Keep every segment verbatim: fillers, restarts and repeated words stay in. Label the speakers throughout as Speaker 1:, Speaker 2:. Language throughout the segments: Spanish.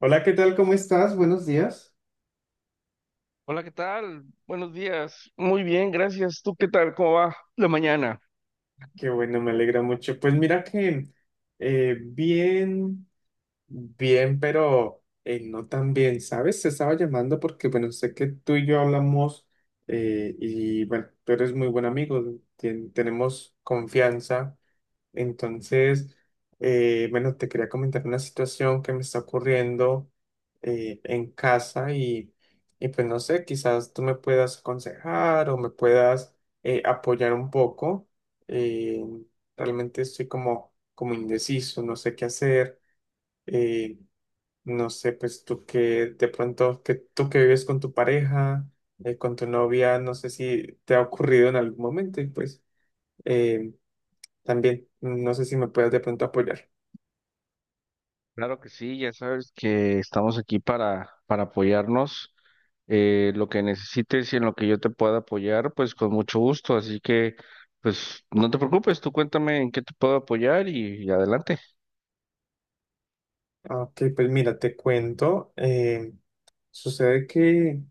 Speaker 1: Hola, ¿qué tal? ¿Cómo estás? Buenos días.
Speaker 2: Hola, ¿qué tal? Buenos días. Muy bien, gracias. ¿Tú qué tal? ¿Cómo va la mañana?
Speaker 1: Qué bueno, me alegra mucho. Pues mira que eh, bien, bien, pero eh, no tan bien, ¿sabes? Te estaba llamando porque, bueno, sé que tú y yo hablamos, eh, y, bueno, tú eres muy buen amigo, ten- tenemos confianza. Entonces, eh, bueno, te quería comentar una situación que me está ocurriendo eh, en casa y, y pues no sé, quizás tú me puedas aconsejar o me puedas eh, apoyar un poco. Eh, Realmente estoy como, como indeciso, no sé qué hacer. eh, no sé, pues tú que de pronto, que tú que vives con tu pareja, eh, con tu novia, no sé si te ha ocurrido en algún momento y pues... em, también, no sé si me puedes de pronto apoyar.
Speaker 2: Claro que sí, ya sabes que estamos aquí para, para apoyarnos. Eh, lo que necesites y en lo que yo te pueda apoyar, pues con mucho gusto. Así que, pues no te preocupes, tú cuéntame en qué te puedo apoyar y, y adelante.
Speaker 1: Ah, ok, pues mira, te cuento. Eh, sucede que,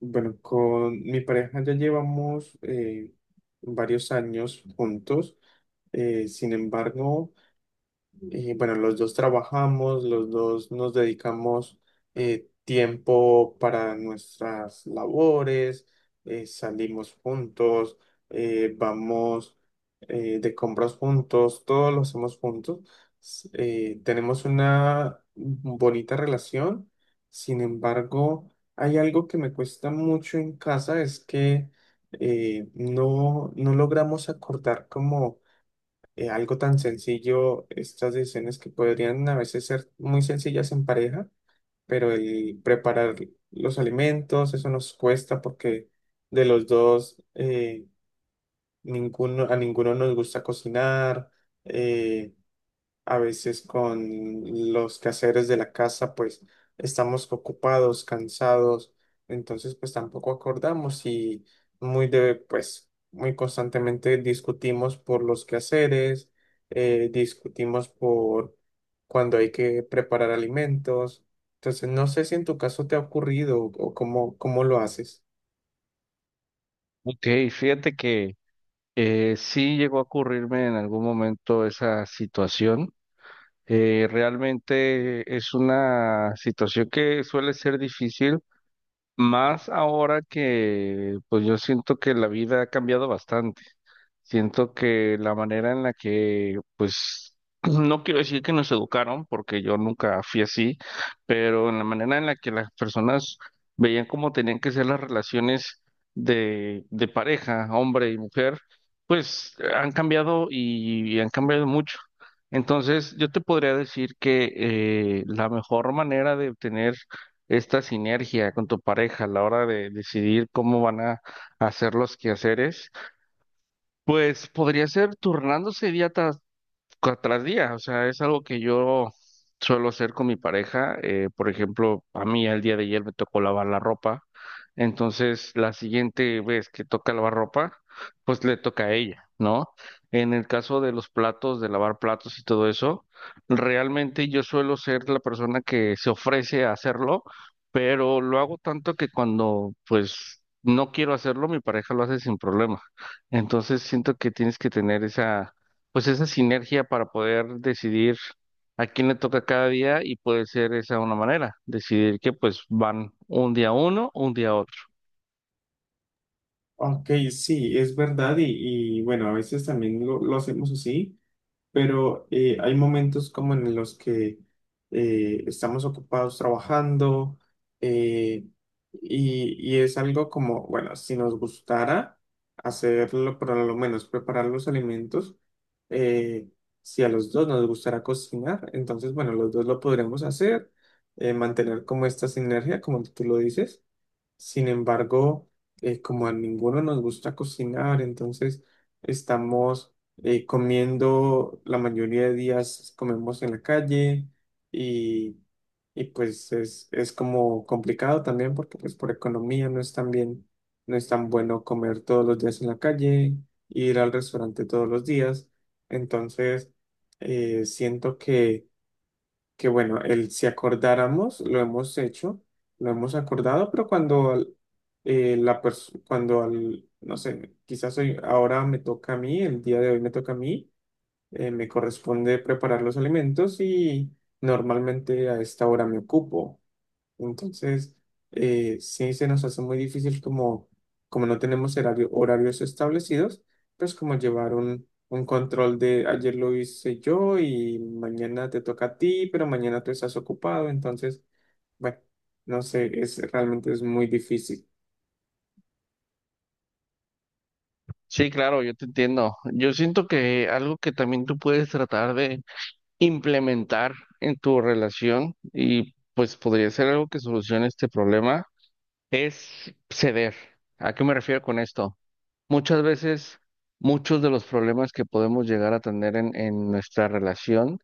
Speaker 1: bueno, con mi pareja ya llevamos, eh, varios años juntos. Eh, sin embargo, y bueno, los dos trabajamos, los dos nos dedicamos eh, tiempo para nuestras labores, eh, salimos juntos, eh, vamos eh, de compras juntos, todo lo hacemos juntos. S- eh, tenemos una bonita relación, sin embargo, hay algo que me cuesta mucho en casa, es que eh, no, no logramos acordar como eh, algo tan sencillo, estas decisiones que podrían a veces ser muy sencillas en pareja, pero el preparar los alimentos, eso nos cuesta porque de los dos, eh, ninguno, a ninguno nos gusta cocinar. eh, a veces con los quehaceres de la casa, pues estamos ocupados, cansados, entonces pues tampoco acordamos y muy de, pues muy constantemente discutimos por los quehaceres, eh, discutimos por cuando hay que preparar alimentos. Entonces no sé si en tu caso te ha ocurrido o cómo, cómo lo haces.
Speaker 2: Ok, fíjate que eh, sí llegó a ocurrirme en algún momento esa situación. Eh, realmente es una situación que suele ser difícil. Más ahora que, pues yo siento que la vida ha cambiado bastante. Siento que la manera en la que, pues, no quiero decir que nos educaron, porque yo nunca fui así, pero en la manera en la que las personas veían cómo tenían que ser las relaciones de, de pareja, hombre y mujer, pues han cambiado y, y han cambiado mucho. Entonces, yo te podría decir que eh, la mejor manera de obtener esta sinergia con tu pareja a la hora de decidir cómo van a hacer los quehaceres, pues podría ser turnándose, idiota cua- tras día, o sea, es algo que yo suelo hacer con mi pareja. Eh, por ejemplo, a mí el día de ayer me tocó lavar la ropa, entonces la siguiente vez que toca lavar ropa, pues le toca a ella, ¿no? En el caso de los platos, de lavar platos y todo eso, realmente yo suelo ser la persona que se ofrece a hacerlo, pero lo hago tanto que cuando, pues, no quiero hacerlo, mi pareja lo hace sin problema. Entonces siento que tienes que tener esa, pues esa sinergia para poder decidir a quién le toca cada día, y puede ser esa una manera, decidir que pues van un día uno, un día otro.
Speaker 1: Ok, sí, es verdad y, y bueno, a veces también lo, lo hacemos así. Pero eh, hay momentos como en los que eh, estamos ocupados trabajando, eh, y, y es algo como, bueno, si nos gustara hacerlo, por lo menos preparar los alimentos, eh, si a los dos nos gustara cocinar, entonces, bueno, los dos lo podremos hacer, eh, mantener como esta sinergia, como tú lo dices. Sin embargo, eh, como a ninguno nos gusta cocinar, entonces estamos eh, comiendo, la mayoría de días comemos en la calle y, y pues es, es como complicado también porque pues por economía no es tan bien, no es tan bueno comer todos los días en la calle, ir al restaurante todos los días. Entonces, eh, siento que que bueno, el si acordáramos, lo hemos hecho, lo hemos acordado, pero cuando eh, la persona, cuando al, no sé, quizás hoy, ahora me toca a mí, el día de hoy me toca a mí, eh, me corresponde preparar los alimentos y normalmente a esta hora me ocupo. Entonces, eh, sí se nos hace muy difícil como, como no tenemos horario- horarios establecidos, pues como llevar un, un control de ayer lo hice yo y mañana te toca a ti, pero mañana tú estás ocupado. Entonces, bueno, no sé, es realmente es muy difícil.
Speaker 2: Sí, claro, yo te entiendo. Yo siento que algo que también tú puedes tratar de implementar en tu relación, y pues podría ser algo que solucione este problema, es ceder. ¿A qué me refiero con esto? Muchas veces, muchos de los problemas que podemos llegar a tener en en nuestra relación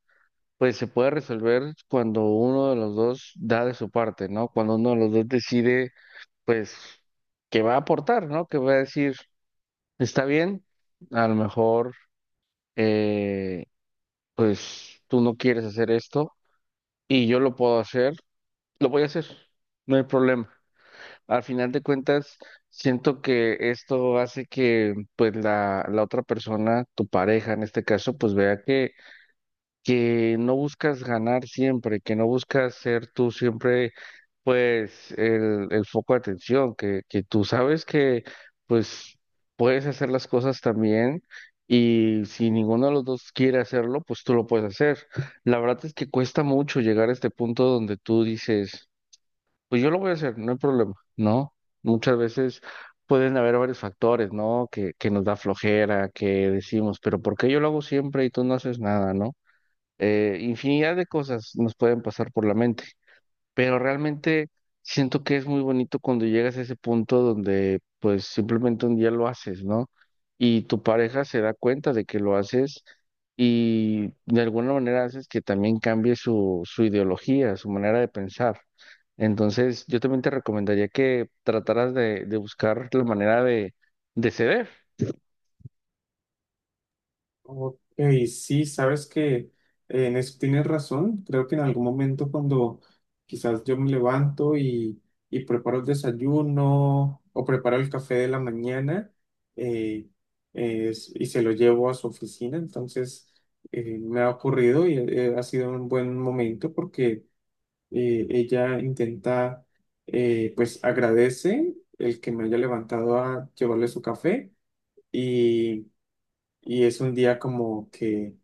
Speaker 2: pues se puede resolver cuando uno de los dos da de su parte, ¿no? Cuando uno de los dos decide, pues, que va a aportar, ¿no? Que va a decir, está bien, a lo mejor, eh, pues, tú no quieres hacer esto y yo lo puedo hacer, lo voy a hacer, no hay problema. Al final de cuentas, siento que esto hace que, pues, la, la otra persona, tu pareja en este caso, pues, vea que, que no buscas ganar siempre, que no buscas ser tú siempre pues el, el foco de atención, que, que tú sabes que pues puedes hacer las cosas también, y si ninguno de los dos quiere hacerlo, pues tú lo puedes hacer. La verdad es que cuesta mucho llegar a este punto donde tú dices, pues yo lo voy a hacer, no hay problema, ¿no? Muchas veces pueden haber varios factores, ¿no? Que, que nos da flojera, que decimos, pero ¿por qué yo lo hago siempre y tú no haces nada, ¿no? Eh, infinidad de cosas nos pueden pasar por la mente, pero realmente siento que es muy bonito cuando llegas a ese punto donde pues simplemente un día lo haces, ¿no? Y tu pareja se da cuenta de que lo haces, y de alguna manera haces que también cambie su, su ideología, su manera de pensar. Entonces, yo también te recomendaría que trataras de, de buscar la manera de, de ceder.
Speaker 1: Ok, sí, sabes que eh, en eso tienes razón. Creo que en algún momento cuando quizás yo me levanto y, y preparo el desayuno o preparo el café de la mañana, eh, es- y se lo llevo a su oficina, entonces eh, me ha ocurrido y eh, ha sido un buen momento porque eh, ella intenta, eh, pues agradece el que me haya levantado a llevarle su café y, y es un día como que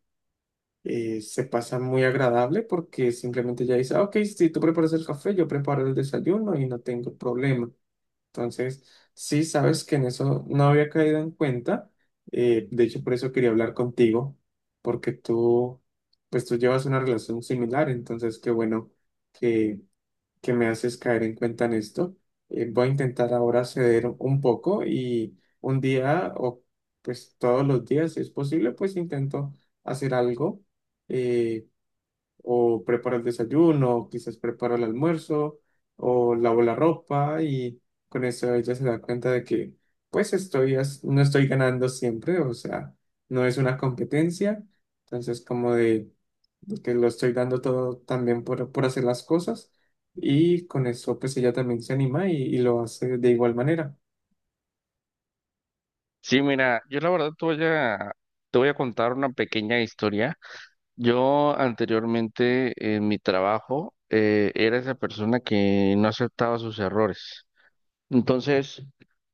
Speaker 1: eh, se pasa muy agradable porque simplemente ya dice: "Ah, ok, si tú preparas el café, yo preparo el desayuno y no tengo problema". Entonces, sí, sabes que en eso no había caído en cuenta. Eh, de hecho, por eso quería hablar contigo, porque tú, pues tú llevas una relación similar, entonces qué bueno que que me haces caer en cuenta en esto. Eh, voy a intentar ahora ceder un poco y un día o pues todos los días, si es posible, pues intento hacer algo, eh, o preparo el desayuno, o quizás preparo el almuerzo o lavo la ropa y con eso ella se da cuenta de que pues estoy, as- no estoy ganando siempre, o sea, no es una competencia. Entonces, como de que lo estoy dando todo también por, por hacer las cosas y con eso pues ella también se anima y, y lo hace de igual manera.
Speaker 2: Sí, mira, yo la verdad te voy a, te voy a contar una pequeña historia. Yo anteriormente en mi trabajo eh, era esa persona que no aceptaba sus errores. Entonces,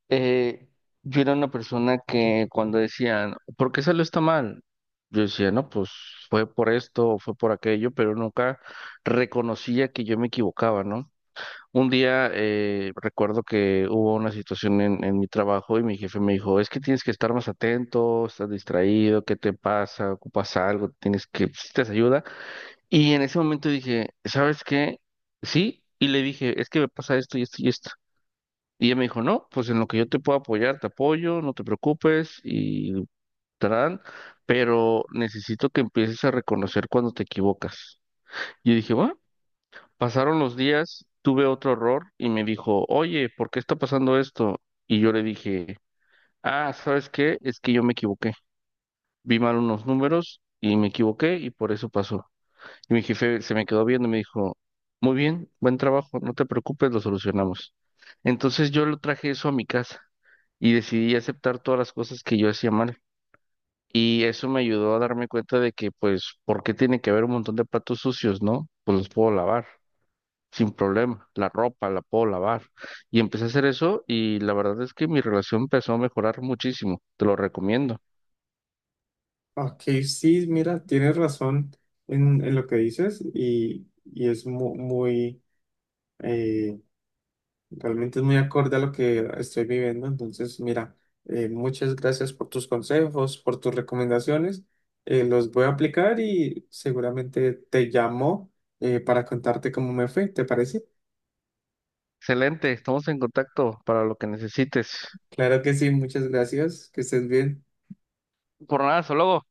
Speaker 2: eh, yo era una persona que cuando decían, ¿por qué salió está mal? Yo decía, no, pues fue por esto o fue por aquello, pero nunca reconocía que yo me equivocaba, ¿no? Un día eh, recuerdo que hubo una situación en, en mi trabajo, y mi jefe me dijo, es que tienes que estar más atento, estás distraído, ¿qué te pasa? ¿Ocupas algo? ¿Tienes que, necesitas ayuda? Y en ese momento dije, ¿sabes qué? Sí, y le dije, es que me pasa esto y esto y esto. Y ella me dijo, no, pues en lo que yo te puedo apoyar, te apoyo, no te preocupes y tarán, pero necesito que empieces a reconocer cuando te equivocas. Yo dije, bueno, pasaron los días, tuve otro error y me dijo, oye, ¿por qué está pasando esto? Y yo le dije, ah, ¿sabes qué? Es que yo me equivoqué. Vi mal unos números y me equivoqué y por eso pasó. Y mi jefe se me quedó viendo y me dijo, muy bien, buen trabajo, no te preocupes, lo solucionamos. Entonces yo lo traje eso a mi casa y decidí aceptar todas las cosas que yo hacía mal. Y eso me ayudó a darme cuenta de que, pues, ¿por qué tiene que haber un montón de platos sucios, no? Pues los puedo lavar sin problema. La ropa la puedo lavar. Y empecé a hacer eso, y la verdad es que mi relación empezó a mejorar muchísimo. Te lo recomiendo.
Speaker 1: Ok, sí, mira, tienes razón en, en lo que dices y, y es mu- muy, eh, realmente es muy acorde a lo que estoy viviendo. Entonces, mira, eh, muchas gracias por tus consejos, por tus recomendaciones. Eh, los voy a aplicar y seguramente te llamo eh, para contarte cómo me fue, ¿te parece?
Speaker 2: Excelente, estamos en contacto para lo que necesites.
Speaker 1: Claro que sí, muchas gracias, que estés bien.
Speaker 2: Por nada, hasta luego.